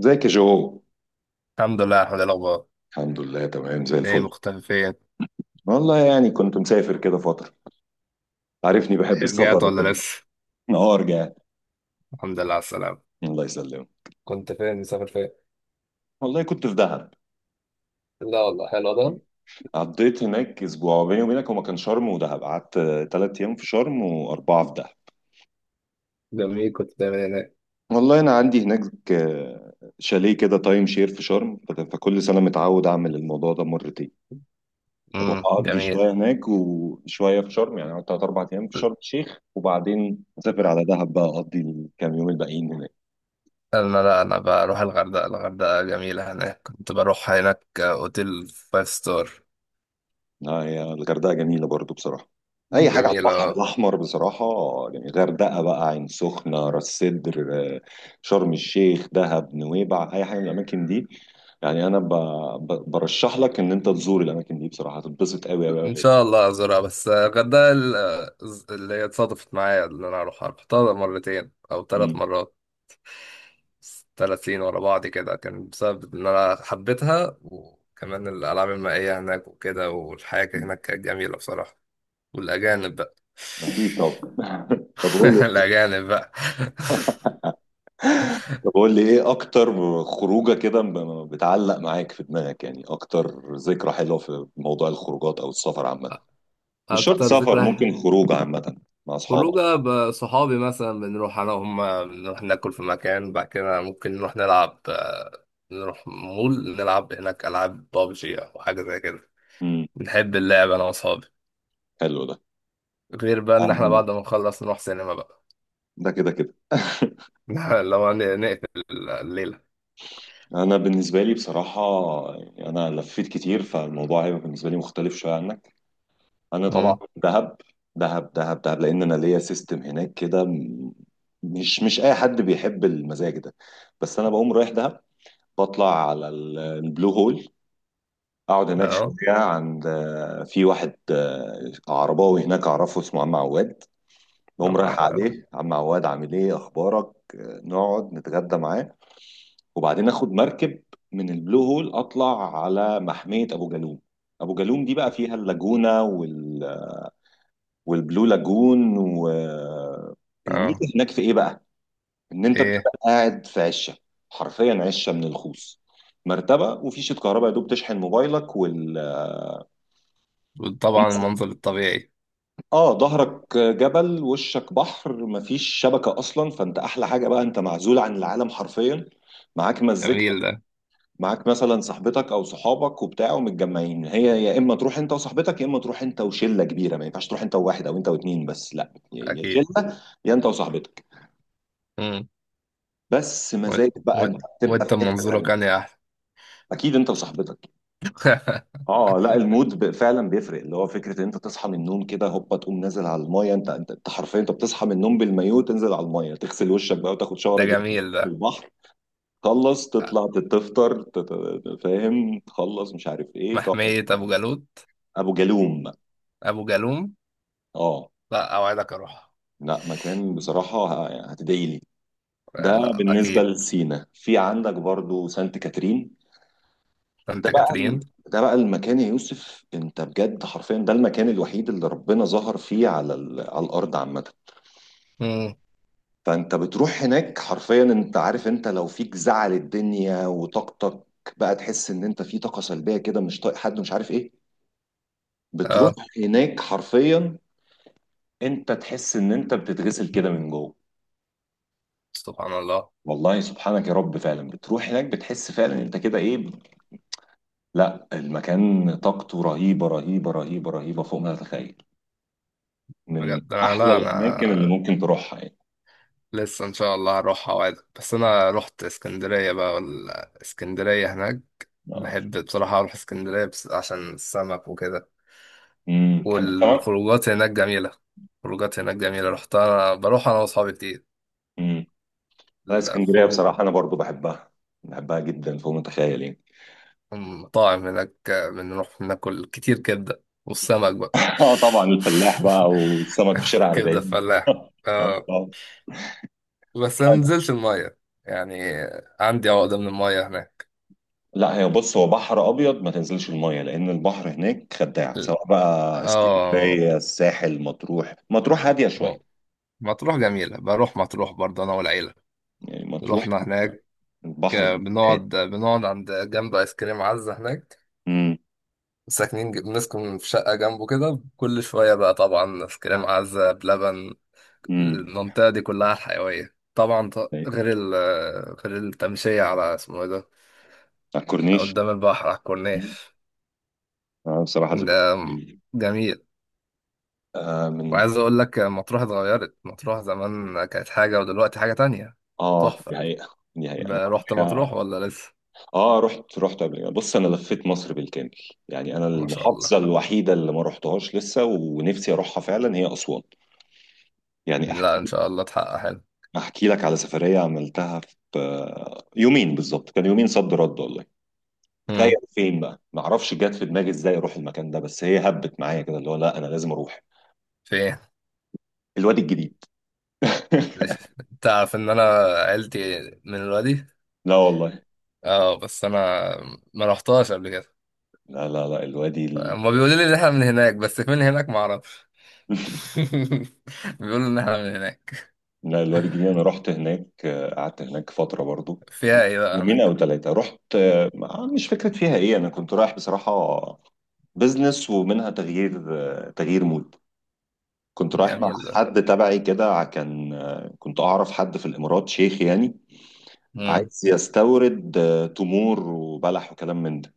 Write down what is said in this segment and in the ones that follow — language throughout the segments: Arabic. ازيك يا جو؟ الحمد لله، الحمد لله. الاخبار الحمد لله، تمام زي ايه؟ الفل. مختفي فين؟ والله يعني كنت مسافر كده فترة. عارفني بحب رجعت السفر ولا وكده. لسه؟ اه، رجعت. الحمد لله على السلامه. الله يسلمك. كنت فين؟ مسافر فين؟ والله كنت في دهب. لا والله حلو ده. قضيت هناك اسبوع. بيني وبينك هو كان شرم ودهب، قعدت ثلاث ايام في شرم واربعة في دهب. جميل، كنت دايما هناك. والله انا عندي هناك شاليه كده، تايم شير في شرم. فكل سنة متعود اعمل الموضوع ده مرتين. اروح اقضي جميل. شوية هناك وشوية في شرم، يعني أقعد تلات اربع ايام في شرم الشيخ وبعدين اسافر على دهب بقى اقضي الكام يوم الباقيين هناك. انا لا انا بروح الغردقه، الغردقه جميله هناك، كنت بروح هناك اوتيل فايف ستار. اه يا، الغردقه جميله برضو بصراحه. اي حاجه على جميله. البحر الاحمر بصراحه، يعني غردقه بقى، عين سخنه، راس سدر، آه، شرم الشيخ، دهب، نويبع، اي حاجه من الاماكن دي. يعني انا برشح لك ان انت تزور الاماكن دي بصراحه، هتتبسط قوي قوي ان قوي. شاء الله ازورها، بس الغردقه اللي هي اتصادفت معايا ان انا اروحها، رحتها مرتين او ثلاث مم. مرات. ثلاث سنين ورا بعض كده، كان بسبب إن أنا حبيتها، وكمان الألعاب المائية هناك وكده، والحياة كانت هناك كانت جميلة بصراحة. والأجانب بقى. اكيد. طب طب قول لي، الأجانب بقى. طب قول لي ايه اكتر خروجه كده بتعلق معاك في دماغك، يعني اكتر ذكرى حلوه في موضوع الخروجات او السفر عامه. مش شرط أكتر سفر، ذكرى. ممكن خروج عامه مع اصحابك. خروجة بصحابي مثلا، بنروح أنا وهم، بنروح ناكل في مكان، بعد كده ممكن نروح نلعب نروح مول نلعب هناك ألعاب بابجي أو حاجة زي كده. بنحب اللعب أنا وأصحابي. حلو ده. غير بقى إن إحنا أهم- بعد ما نخلص نروح سينما بقى. ده كده كده. اللي هو نقفل الليلة. انا بالنسبه لي بصراحه، يعني انا لفيت كتير فالموضوع هيبقى بالنسبه لي مختلف شويه عنك. انا طبعا مم. دهب دهب دهب دهب، لان انا ليا سيستم هناك كده. مش اي حد بيحب المزاج ده. بس انا بقوم رايح دهب، بطلع على البلو هول، اقعد هناك شويه اه. عند، في واحد، عرباوي هناك اعرفه اسمه عم عواد. بقوم الله رايح أكبر. عليه، عم عواد عامل ايه، اخبارك؟ نقعد نتغدى معاه، وبعدين اخد مركب من البلو هول اطلع على محمية ابو جالوم. ابو جالوم دي بقى فيها اللاجونة والبلو لاجون. اه. والميزة هناك في ايه بقى؟ ان انت ايه. بتبقى قاعد في عشة، حرفيا عشة من الخوص، مرتبة وفي شيت كهرباء يا دوب تشحن موبايلك وال... طبعا المنظر الطبيعي. اه، ظهرك جبل وشك بحر، مفيش شبكة اصلا، فانت احلى حاجة بقى، انت معزول عن العالم حرفيا. معاك جميل مزيكتك، ده. معاك مثلا صاحبتك او صحابك وبتاع، ومتجمعين. هي يا اما تروح انت وصاحبتك، يا اما تروح انت وشله كبيره، ما ينفعش تروح انت وواحد او انت واتنين، بس لا، يا اكيد. شله يا انت وصاحبتك. مم. بس و... مزاج بقى، و... انت بتبقى وانت في حته منظورك تانيه. كان يا احلى. اكيد انت وصاحبتك. اه لا، المود فعلا بيفرق، اللي هو فكره ان انت تصحى من النوم كده هوبا، تقوم نازل على المايه. انت انت أنت حرفيا انت بتصحى من النوم بالمايو، تنزل على المايه، تغسل وشك بقى وتاخد ده شاور جديد جميل ده. في البحر. تخلص تطلع تفطر فاهم، تخلص مش عارف ايه، تقعد. محمية ابو جالوت. ابو جالوم. ابو جالوم. اه. لا اوعدك اروح. لا مكان بصراحة، هتدعي لي. ده لا بالنسبة اكيد. لسينا. في عندك برضو سانت كاترين. ده انت بقى ال- كاترين. ده بقى المكان يا يوسف. انت بجد حرفيا ده المكان الوحيد اللي ربنا ظهر فيه على على الأرض عامة. مم. فانت بتروح هناك حرفيا، انت عارف، انت لو فيك زعل الدنيا وطاقتك بقى، تحس ان انت في طاقة سلبية كده، مش طايق حد، مش عارف ايه، بتروح اه. هناك حرفيا انت تحس ان انت بتتغسل كده من جوه. سبحان الله. والله سبحانك يا رب، فعلا بتروح هناك بتحس فعلا انت كده ايه. لا المكان طاقته رهيبه رهيبه رهيبه رهيبه، فوق ما تتخيل، من بجد انا احلى لا انا الاماكن اللي ممكن تروحها يعني. لسه ان شاء الله هروح اوعدك، بس انا رحت اسكندريه بقى، ولا اسكندريه هناك. بحب بصراحه اروح اسكندريه بس عشان السمك وكده. امم، تحب السمك؟ والخروجات هناك جميله، خروجات هناك جميله، رحتها بروح انا واصحابي كتير. امم. لا اسكندريه الخروج. بصراحه انا برضو بحبها، بحبها جدا فوق ما تتخيل يعني. المطاعم هناك بنروح ناكل كتير كبده والسمك بقى. اه طبعا، الفلاح بقى والسمك في شارع كبده 40. فلاح. آه، آه. آه. بس انا منزلش الميه يعني، عندي عقده من الميه هناك. لا هي، بص، هو بحر ابيض ما تنزلش المايه، لان البحر هناك خداع، سواء بقى اه. اسكندريه، الساحل، مطروح. مطروح هاديه شويه مطروح جميلة، بروح مطروح برضه أنا والعيلة. يعني. مطروح رحنا هناك. البحر هناك حكاية. بنقعد عند جنب آيس كريم عزة هناك. امم. ساكنين بنسكن في شقة جنبه كده، كل شوية بقى طبعا آيس كريم عزة بلبن. امم. المنطقة دي كلها حيوية طبعا ط- أيوة. غير ال آه، غير التمشية على اسمه إيه ده. على الكورنيش. قدام البحر على الكورنيش. مم. آه بصراحة ده ذكريات جميلة. جميل. آه من. وعايز أقول لك، مطروح اتغيرت، مطروح زمان كانت حاجة ودلوقتي حاجة تانية. اه دي تحفة. حقيقة دي حقيقة. أنا رحت مطروح معايا، ولا لسه؟ اه رحت رحت قبل كده. بص أنا لفيت مصر بالكامل، يعني أنا ما شاء الله. المحافظة الوحيدة اللي ما رحتهاش لسه ونفسي أروحها فعلا هي أسوان. يعني لا ان شاء الله تحقق حلو. أحكي لك على سفرية عملتها في، يومين بالظبط، كان يومين صد رد والله. تخيل امم. فين بقى؟ ما اعرفش جت في دماغي ازاي اروح المكان ده، بس هي هبت معايا كده اللي هو لا انا لازم اروح. في إيه؟ الوادي الجديد. انت عارف ان انا عيلتي من الوادي. لا والله. اه بس انا ما رحتهاش قبل كده. لا لا لا الوادي هما بيقولوا لي ان احنا من هناك، بس فين هناك ما اعرفش. بيقولوا ان احنا من هناك. لا، الوادي الجديد انا رحت هناك، قعدت هناك فتره برضو، فيها ايه بقى يومين او هناك؟ ثلاثه. رحت، مش فكره فيها ايه، انا كنت رايح بصراحه بزنس، ومنها تغيير، تغيير مود. كنت رايح مع جميل ده. حد تبعي كده، كان، كنت اعرف حد في الامارات شيخ يعني، امم. عايز يستورد، تمور وبلح وكلام من ده.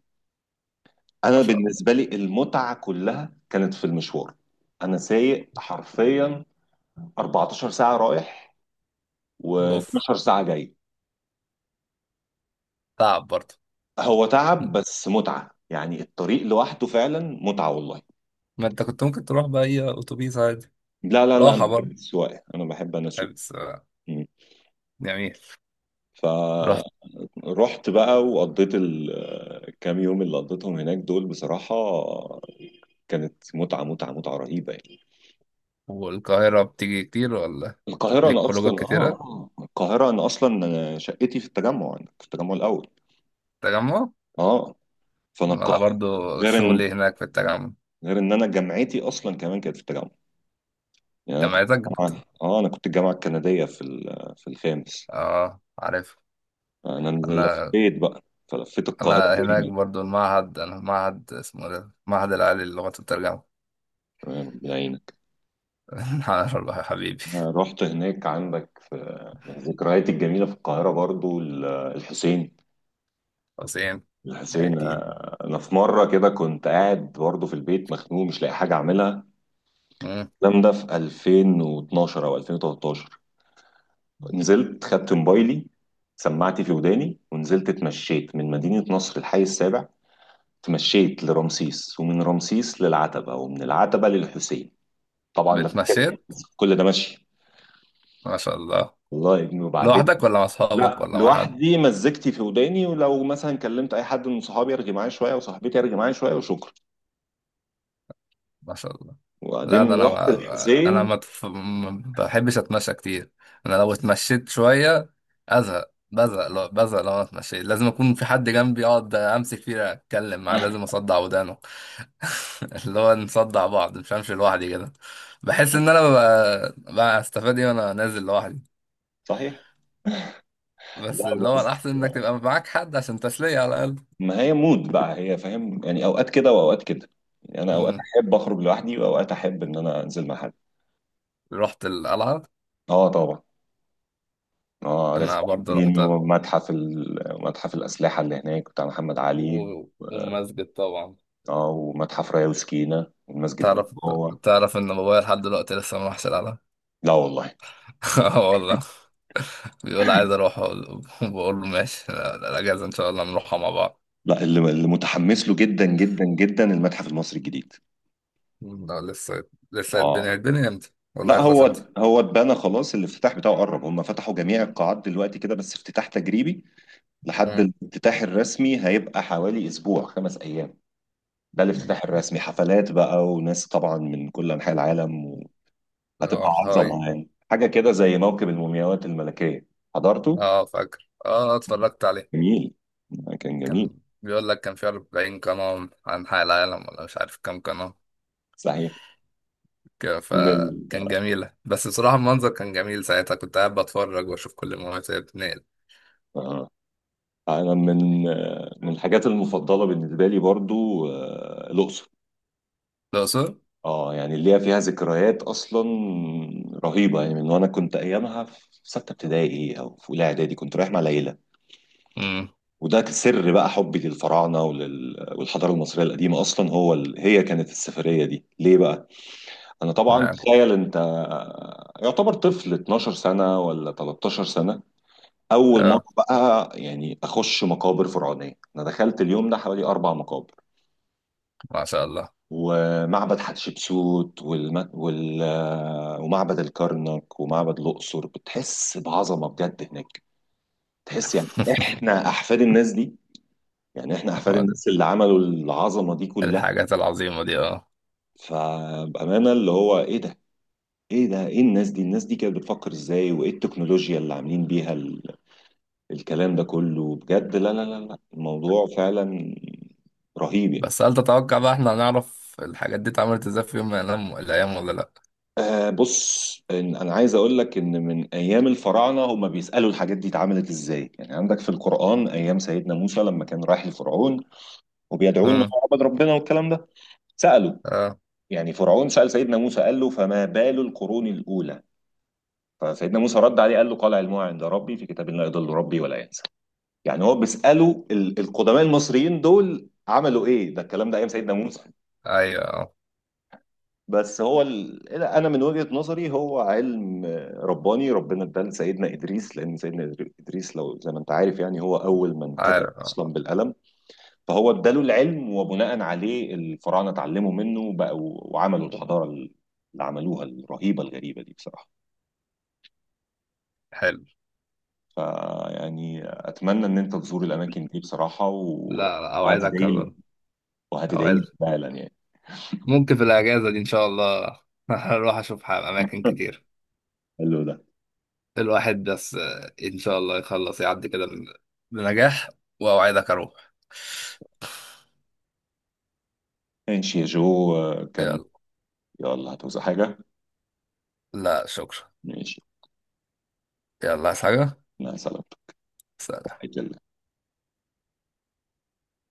انا ما شاء الله. بالنسبه لي المتعه كلها كانت في المشوار، انا سايق حرفيا 14 ساعة رايح اوف. و12 ساعة جاي. تعب برضه. هو تعب بس متعة، يعني الطريق لوحده فعلا متعة والله. ما انت كنت ممكن تروح باي اتوبيس عادي. لا لا لا أنا راحه بحب برضه. السواقة، أنا أسوق. بس مم. جميل. فرحت رحت. بقى وقضيت الكام يوم اللي قضيتهم هناك دول، بصراحة كانت متعة متعة متعة رهيبة يعني. والقاهره بتيجي كتير ولا؟ القاهرة ليك أنا خروجات أصلا كتيره. القاهرة أنا أصلا شقتي في التجمع، أنا في التجمع الأول. تجمع. آه فأنا انا القاهرة، برضو غير إن شغلي هناك في التجمع. غير إن أنا جامعتي أصلا كمان كانت في التجمع. يعني انا كنت جامعتك بت... الجامعه، اه انا كنت الجامعه الكنديه في في الخامس. اه عارف. انا انا لفيت بقى، فلفيت القاهره انا هناك كامله. برضو المعهد، انا في معهد اسمه إيه ده، المعهد العالي للغة والترجمة. تمام، ربنا يعينك. على الله يا حبيبي. أنا رحت هناك عندك في، من ذكرياتي الجميله في القاهره برضو الحسين. حسين. الحسين، اكيد. انا في مره كده كنت قاعد برضو في البيت مخنوق مش لاقي حاجه اعملها. مم. الكلام ده في 2012 او 2013. نزلت خدت موبايلي، سماعتي في وداني، ونزلت اتمشيت من مدينه نصر الحي السابع. تمشيت لرمسيس، ومن رمسيس للعتبة، ومن العتبة للحسين. طبعا لفت بتمشيت. كل ده ماشي ما شاء الله. والله يا ابني، وبعدين. لوحدك ولا مع اصحابك لا ولا مع حد؟ لوحدي، مزجتي في وداني، ولو مثلا كلمت اي حد من صحابي يرجع معايا شويه، وصاحبتي يرجع معايا شويه، وشكرا. ما شاء الله. لا ده وبعدين انا رحت ما انا الحسين. ما تف- ما بحبش اتمشى كتير. انا لو اتمشيت شويه ازهق، بزهق لو بزهق لو انا اتمشيت لازم اكون في حد جنبي، اقعد امسك فيه اتكلم معاه، لازم اصدع ودانه. اللي هو نصدع بعض، مش همشي لوحدي كده. بحس ان انا ببقى استفاد ايه وانا نازل لوحدي. صحيح. لا بس اللي هو بس الاحسن انك تبقى معاك حد عشان تسليه على الاقل. ما هي مود بقى، هي فاهم، يعني اوقات كده واوقات كده، يعني انا اوقات مم. احب اخرج لوحدي واوقات احب ان انا انزل مع حد. رحت القلعه. اه طبعا. اه غاز انا برضه الحديد، رحتها. ومتحف متحف الاسلحه اللي هناك بتاع محمد علي. والمسجد طبعا. اه ومتحف رايا وسكينة، والمسجد من تعرف جوه. تعرف ان بابايا لحد دلوقتي لسه ما راحش العالم. لا والله. آه والله. بيقول عايز اروح، بقول له ماشي، لا، الاجازه ان شاء الله نروحها مع بعض. لا، اللي متحمس له جدا جدا جدا المتحف المصري الجديد. لا لسه. لسه اه هيتبني امتى، ولا لا هيخلص امتى؟ هو، هو اتبنى خلاص، الافتتاح بتاعه قرب، هم فتحوا جميع القاعات دلوقتي كده بس افتتاح تجريبي. لحد مم. الافتتاح الرسمي هيبقى حوالي اسبوع، خمس ايام. ده الافتتاح الرسمي حفلات بقى وناس طبعا من كل انحاء العالم، وهتبقى اه هاي. عظمه يعني، حاجه كده زي موكب المومياوات الملكيه. حضرته. اه فاكر، اه اتفرجت عليه. جميل. كان جميل. كان بيقول لك كان في 40 قناة عن حق العالم، ولا مش عارف كام قناة. صحيح. فكان جميلة، بس بصراحة المنظر كان جميل ساعتها، كنت قاعد بتفرج واشوف كل المناطق بتنقل. آه. انا من، من الحاجات المفضله بالنسبه لي برضو، الاقصر. الأقصر. اه يعني اللي هي فيها ذكريات اصلا رهيبه يعني. من وانا كنت ايامها في سته ابتدائي او في اولى اعدادي، كنت رايح مع العيله. امم. وده سر بقى حبي للفراعنه والحضاره المصريه القديمه اصلا. هو هي كانت السفريه دي ليه بقى؟ انا طبعا تخيل انت، يعتبر طفل 12 سنه ولا 13 سنه، اول مره اه. بقى يعني اخش مقابر فرعونيه. انا دخلت اليوم ده حوالي اربع مقابر، ما شاء الله. ومعبد حتشبسوت ومعبد الكرنك ومعبد الأقصر. بتحس بعظمة بجد هناك. تحس يعني احنا أحفاد الناس دي، يعني احنا أحفاد الناس اللي عملوا العظمة دي كلها. الحاجات العظيمة دي اه. فبأمانة اللي هو ايه ده، ايه ده، ايه الناس دي، الناس دي كانت بتفكر ازاي، وايه التكنولوجيا اللي عاملين بيها الكلام ده كله بجد. لا لا لا لا الموضوع فعلا رهيب يعني. بس هل تتوقع بقى احنا هنعرف الحاجات دي اتعملت ازاي في يوم من الأيام، ولا لأ؟ آه بص، إن انا عايز اقول لك ان من ايام الفراعنه هم بيسالوا الحاجات دي اتعملت ازاي. يعني عندك في القران ايام سيدنا موسى لما كان رايح لفرعون وبيدعوه ان مم. هو عبد ربنا والكلام ده، سالوا، اه. يعني فرعون سال سيدنا موسى قال له فما بال القرون الاولى، فسيدنا موسى رد عليه قال له، قال علمها عند ربي في كتاب لا يضل ربي ولا ينسى. يعني هو بيسالوا القدماء المصريين دول عملوا ايه، ده الكلام ده ايام سيدنا موسى. أيوه اه. بس هو انا من وجهة نظري هو علم رباني ربنا اداه لسيدنا ادريس، لان سيدنا ادريس لو زي ما انت عارف يعني هو اول من كتب عارف اه. اصلا بالقلم. فهو اداله العلم، وبناء عليه الفراعنه اتعلموا منه وبقوا وعملوا الحضاره اللي عملوها الرهيبه الغريبه دي بصراحه. حلو. فيعني اتمنى ان انت تزور الاماكن دي بصراحه و... لا لا أوعدك وهتدعي لي أبدا. وهتدعي لي أوعدك. فعلا يعني. ممكن في الأجازة دي إن شاء الله. هروح أشوف أماكن كتير. حلو ده. الواحد بس إن شاء الله يخلص يعدي كده، بنجاح، وأوعدك أروح. ماشي يا جو. كان. يلا. يلا هتوزع حاجه؟ لا شكرا. ماشي. يلا، عايز حاجة؟ مع السلامه. سلام.